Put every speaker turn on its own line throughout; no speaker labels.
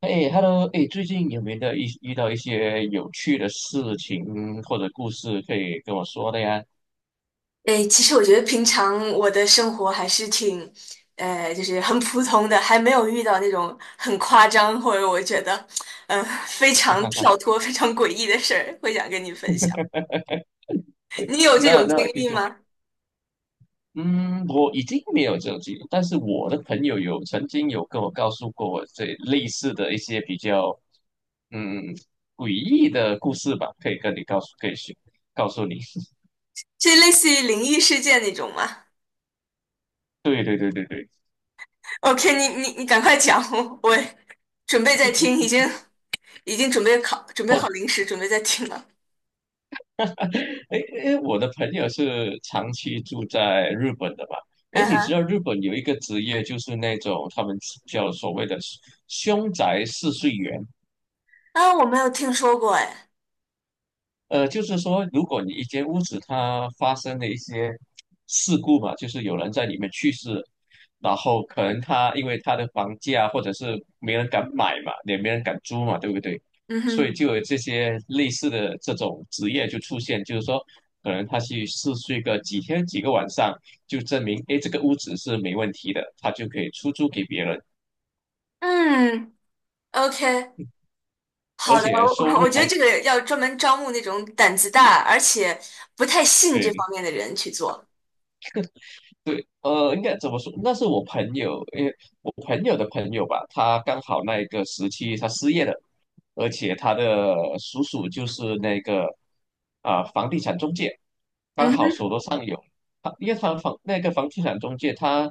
哎，Hello，哎，最近有没有遇到一些有趣的事情或者故事可以跟我说的呀？
诶，其实我觉得平常我的生活还是挺，就是很普通的，还没有遇到那种很夸张或者我觉得，非
哈
常
哈哈。
跳脱、非常诡异的事儿，会想跟你分享。你有这
那
种经
那其
历
实，
吗？
嗯，我已经没有这种经历，但是我的朋友曾经跟我告诉过我这类似的一些比较嗯诡异的故事吧，可以跟你告诉，可以去告诉你。
是类似于灵异事件那种吗
对对对对对。
？OK,你赶快讲，我准备在听，已经准备准备好
哦。
零食，准备在听了。
哎，哎，我的朋友是长期住在日本的吧？哎，
嗯
你知
哼。
道日本有一个职业就是那种他们叫所谓的凶宅试睡员。
啊，我没有听说过。哎。
就是说，如果你一间屋子它发生了一些事故嘛，就是有人在里面去世，然后可能他因为他的房价或者是没人敢买嘛，也没人敢租嘛，对不对？
嗯
所以
哼。
就有这些类似的这种职业就出现，就是说，可能他去试睡个几天几个晚上，就证明，诶，这个屋子是没问题的，他就可以出租给别人，
嗯，OK,
而
好的，
且收
我
入
觉
还
得这
挺。
个要专门招募那种胆子大，而且不太信这
对
方面的人去做。
对，应该怎么说？那是我朋友，因为我朋友的朋友吧，他刚好那一个时期他失业了，而且他的叔叔就是那个房地产中介，刚
嗯
好手
哼。
头上有。他因为那个房地产中介他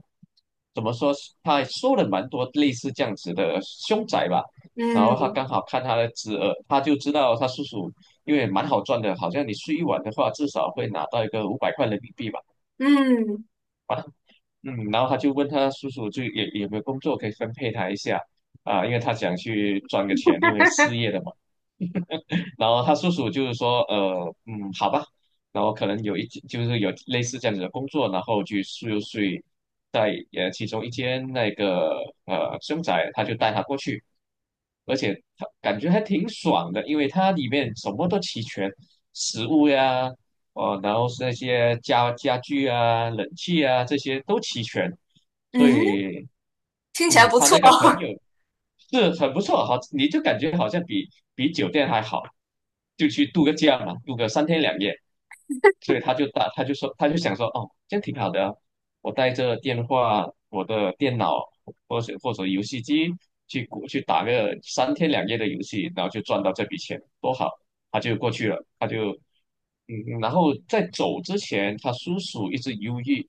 怎么说？他收了蛮多类似这样子的凶宅吧，然后他
嗯
刚好看他的侄儿，他就知道他叔叔因为蛮好赚的，好像你睡一晚的话，至少会拿到一个500块人民币吧。
嗯
嗯，然后他就问他叔叔就也有没有工作可以分配他一下啊，因为他想去赚个钱，因为失业了嘛。然后他叔叔就是说，好吧，然后可能就是有类似这样子的工作，然后去又睡在其中一间那个凶宅，他就带他过去。而且他感觉还挺爽的，因为它里面什么都齐全，食物呀。哦，然后是那些家具啊、冷气啊这些都齐全，所
嗯哼。
以
听起来不
他
错。
那 个朋友是很不错，好，你就感觉好像比酒店还好，就去度个假嘛，度个三天两夜。所以他就想说，哦，这样挺好的啊，我带着电话、我的电脑或者游戏机去打个三天两夜的游戏，然后就赚到这笔钱，多好。他就过去了。他就嗯，然后在走之前，他叔叔一直犹豫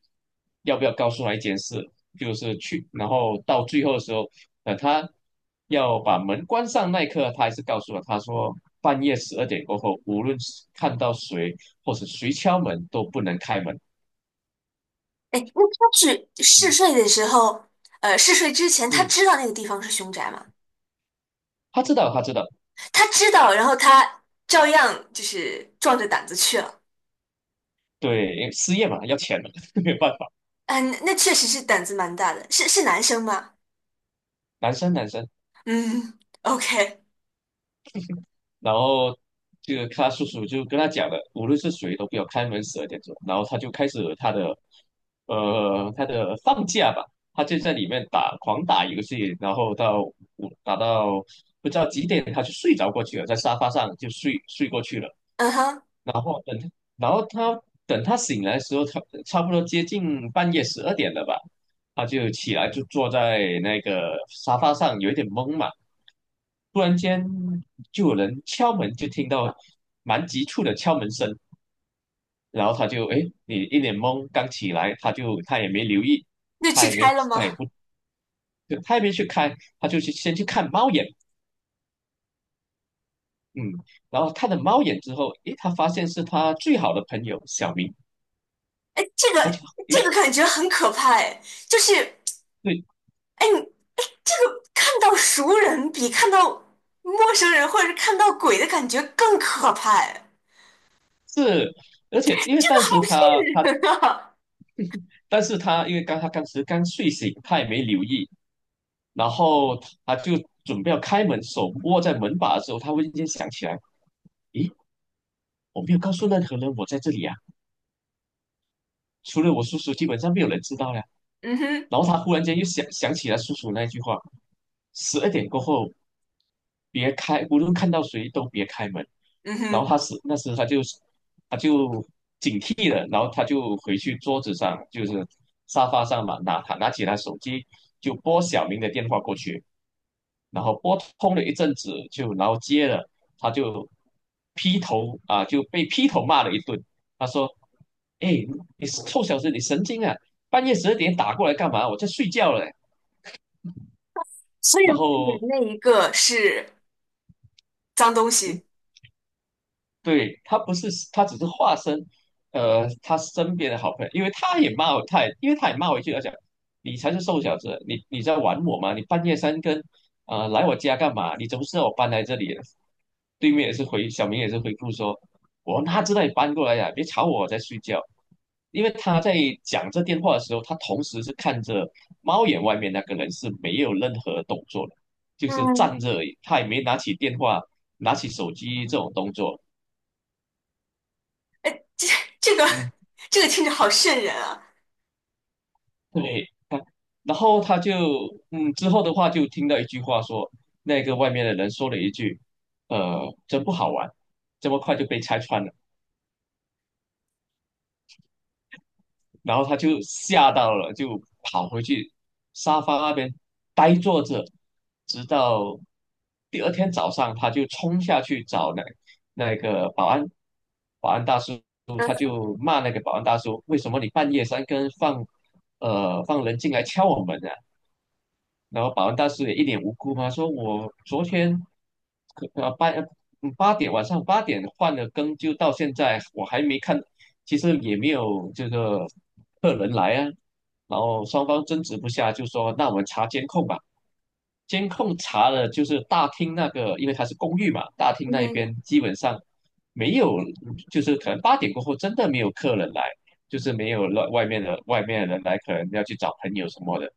要不要告诉他一件事，就是去，然后到最后的时候，他要把门关上那一刻，他还是告诉了他说，半夜十二点过后，无论是看到谁或者谁敲门都不能开门。
哎，那他是嗜
嗯
睡的时候，呃，嗜睡之前他
嗯，
知道那个地方是凶宅吗？
他知道，他知道。
他知道，然后他照样就是壮着胆子去了。
对，因为失业嘛，要钱嘛，没有办法。
嗯，那确实是胆子蛮大的。是是男生吗？
男生男生。
嗯，OK。
然后这个他叔叔就跟他讲了，无论是谁都不要开门12点钟。然后他就开始他的放假吧，他就在里面狂打游戏，然后打到不知道几点他就睡着过去了，在沙发上就睡过去了。
嗯哼。
然后等他，然后等他醒来的时候，差不多接近半夜十二点了吧，他就起来就坐在那个沙发上，有一点懵嘛。突然间就有人敲门，就听到蛮急促的敲门声，然后他就哎，诶，你一脸懵，刚起来，他也没留意，
那
他
去
也
开
没
了
他也
吗？
不他也没去看，他就先去看猫眼。嗯，然后看了猫眼之后，诶，他发现是他最好的朋友小明。
哎，这
他就
个这
诶，
个感觉很可怕哎，就是
对，
哎你哎，这个看到熟人比看到陌生人或者是看到鬼的感觉更可怕哎，
是。而且因为
这个
当时他他
好瘆人啊！
但是他因为刚他当时刚睡醒，他也没留意，然后他就准备要开门，手握在门把的时候，他忽然间想起来，咦，我没有告诉任何人我在这里啊，除了我叔叔，基本上没有人知道呀。
嗯哼。
然后他忽然间又想起了叔叔那句话：十二点过后，别开，无论看到谁都别开门。
嗯
然后
哼。
他是那时他就他就警惕了，然后他就回去桌子上，就是沙发上嘛，拿起他手机就拨小明的电话过去，然后拨通了一阵子然后接了，他就劈头啊就被劈头骂了一顿。他说：“哎，你臭小子，你神经啊！半夜十二点打过来干嘛？我在睡觉嘞。”
所以
然
外面
后
那一个是脏东
嗯，
西。
对，他不是，他只是化身，他身边的好朋友。因为他也骂我一句，他讲，你才是瘦小子，你在玩我吗？你半夜三更，来我家干嘛？你怎么知道我搬来这里了？对面也是回，小明也是回复说，我哪知道你搬过来呀、别吵我，我在睡觉。因为他在讲这电话的时候，他同时是看着猫眼外面那个人是没有任何动作的，就是
嗯，
站着而已，他也没拿起电话、拿起手机这种动作。
这这个
嗯，
这个听着好瘆人啊！
对，他然后他就，之后的话就听到一句话说，那个外面的人说了一句，真不好玩，这么快就被拆穿了。然后他就吓到了，就跑回去沙发那边呆坐着，直到第二天早上，他就冲下去找那个保安，保安大叔，他就骂那个保安大叔，为什么你半夜三更放人进来敲我门啊？然后保安大师也一脸无辜嘛，说我昨天可呃八嗯八点晚上8点换了更，就到现在我还没看，其实也没有这个客人来啊。然后双方争执不下，就说那我们查监控吧。监控查了，就是大厅那个，因为它是公寓嘛，大厅
嗯
那一
哼。
边基本上没有，就是可能八点过后真的没有客人来。就是没有了外面的人来，可能要去找朋友什么的。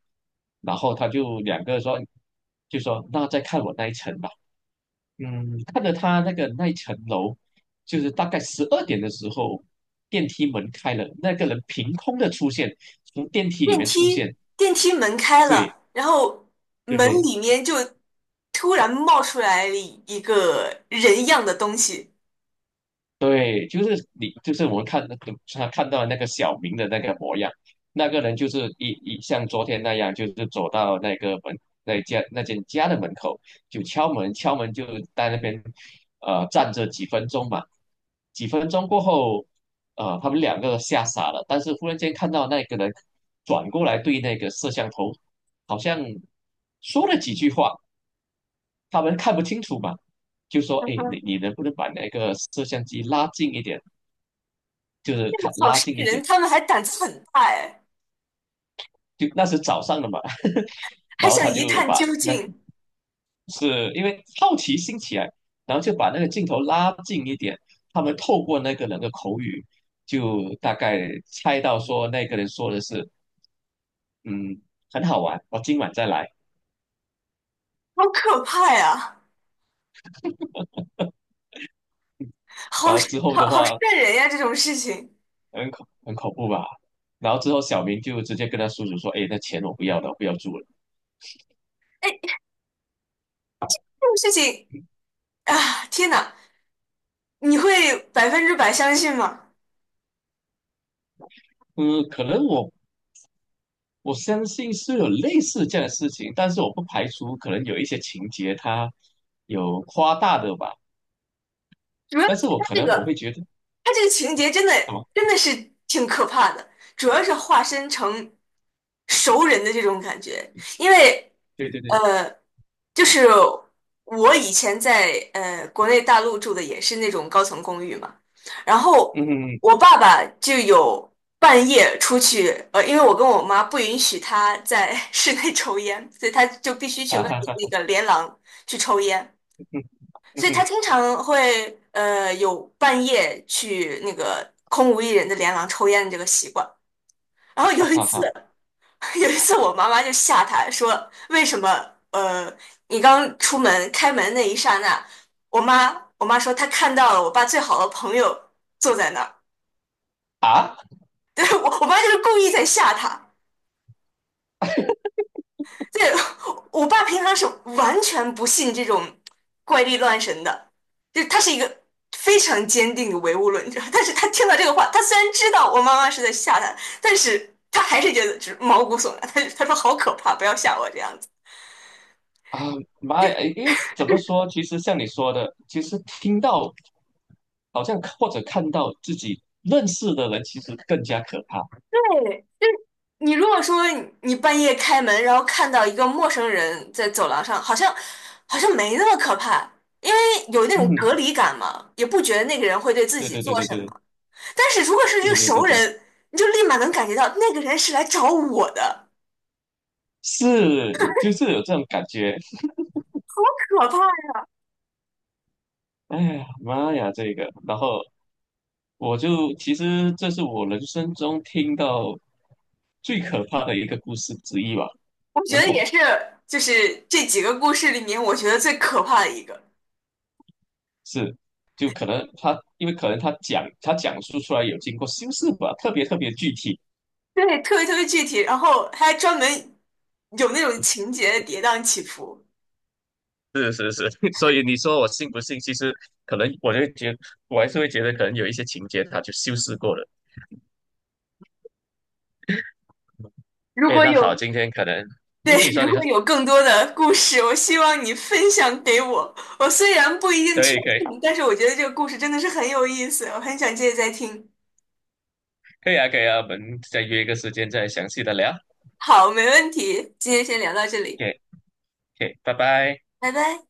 然后他就两个说，就说那再看我那一层吧。嗯，看着他那个那一层楼，就是大概十二点的时候，电梯门开了，那个人凭空的出现，从电梯里
电
面出
梯
现。
电梯门开
对
了，然后门
对，
里面就突然冒出来了一个人样的东西。
对，就是你，就是我们看那个他看到那个小明的那个模样，那个人就是像昨天那样，就是走到那个门那家那间家的门口，就敲门就在那边站着几分钟嘛。几分钟过后，他们两个吓傻了，但是忽然间看到那个人转过来对那个摄像头，好像说了几句话，他们看不清楚嘛，就说：
嗯
“哎，
哼，
你能不能把那个摄像机拉近一点？”就是
这个
看
好
拉
渗
近一
人，
点，
他们还胆子很大哎，
就那是早上的嘛。
还
然后
想
他
一
就
探
把
究
那个
竟。
是因为好奇心起来，然后就把那个镜头拉近一点，他们透过那个人的口语，就大概猜到说那个人说的是，嗯，很好玩，我今晚再来。
好可怕呀，好
然后
渗
之后的
好好渗
话，
人呀！这种事情，
很恐怖吧。然后之后小明就直接跟他叔叔说，哎，那钱我不要了，我不要住了。
哎，这种事情，啊，天呐，你会百分之百相信吗？
嗯，可能我相信是有类似这样的事情，但是我不排除可能有一些情节它有夸大的吧。
主要是
但是我
他
可
这
能我
个，
会觉得什
他这个情节真的
么？
真的是挺可怕的，主要是化身成熟人的这种感觉，因为。
对对对。
呃，就是我以前在国内大陆住的也是那种高层公寓嘛，然
嗯
后
哼。嗯。
我爸爸就有半夜出去，呃，因为我跟我妈不允许他在 室内抽烟，所以他就必须去
啊
外
哈
面
哈。
那个连廊去抽烟，
嗯。嗯
所以他
哼。
经常会有半夜去那个空无一人的连廊抽烟的这个习惯。然后
啊
有一
哈
次。
哈。
有一次，我妈妈就吓他说："为什么？呃，你刚出门开门那一刹那，我妈说她看到了我爸最好的朋友坐在那儿。
啊，
对，我妈就是故意在吓他。对，我爸平常是完全不信这种怪力乱神的，就他是一个非常坚定的唯物论者。但是他听到这个话，他虽然知道我妈妈是在吓他，但是他还是觉得就是毛骨悚然。他说好可怕，不要吓我这样子。
啊妈呀！因为怎么说，其实像你说的，其实听到好像或者看到自己认识的人，其实更加可怕。
对。你如果说你半夜开门，然后看到一个陌生人在走廊上，好像没那么可怕，因为有那
嗯
种
哼，
隔离感嘛，也不觉得那个人会对自
对
己
对对
做
对
什
对
么。但是如果是一个
对对对
熟
对，
人，你就立马能感觉到那个人是来找我的，
是就是有这种感觉。
可怕呀！
哎呀妈呀，这个，然后。我就其实这是我人生中听到最可怕的一个故事之一吧，
我觉
很
得
恐
也
怖。
是，就是这几个故事里面，我觉得最可怕的一个，
是，就可能他，因为可能他讲述出来有经过修饰吧，特别特别具体。
对，特别特别具体，然后还专门有那种情节的跌宕起伏。
是是是。所以你说我信不信？其实可能我还是会觉得可能有一些情节他就修饰过了。
如
哎，
果
那好，
有。
今天可能，
对，
你说
如
你说，
果有更多的故事，我希望你分享给我。我虽然不一定
可
全
以可
信，
以
但是我觉得这个故事真的是很有意思，我很想接着再听。
可以啊可以啊，我们再约一个时间再详细的聊。
好，没问题，今天先聊到这里，
OK OK，拜拜。
拜拜。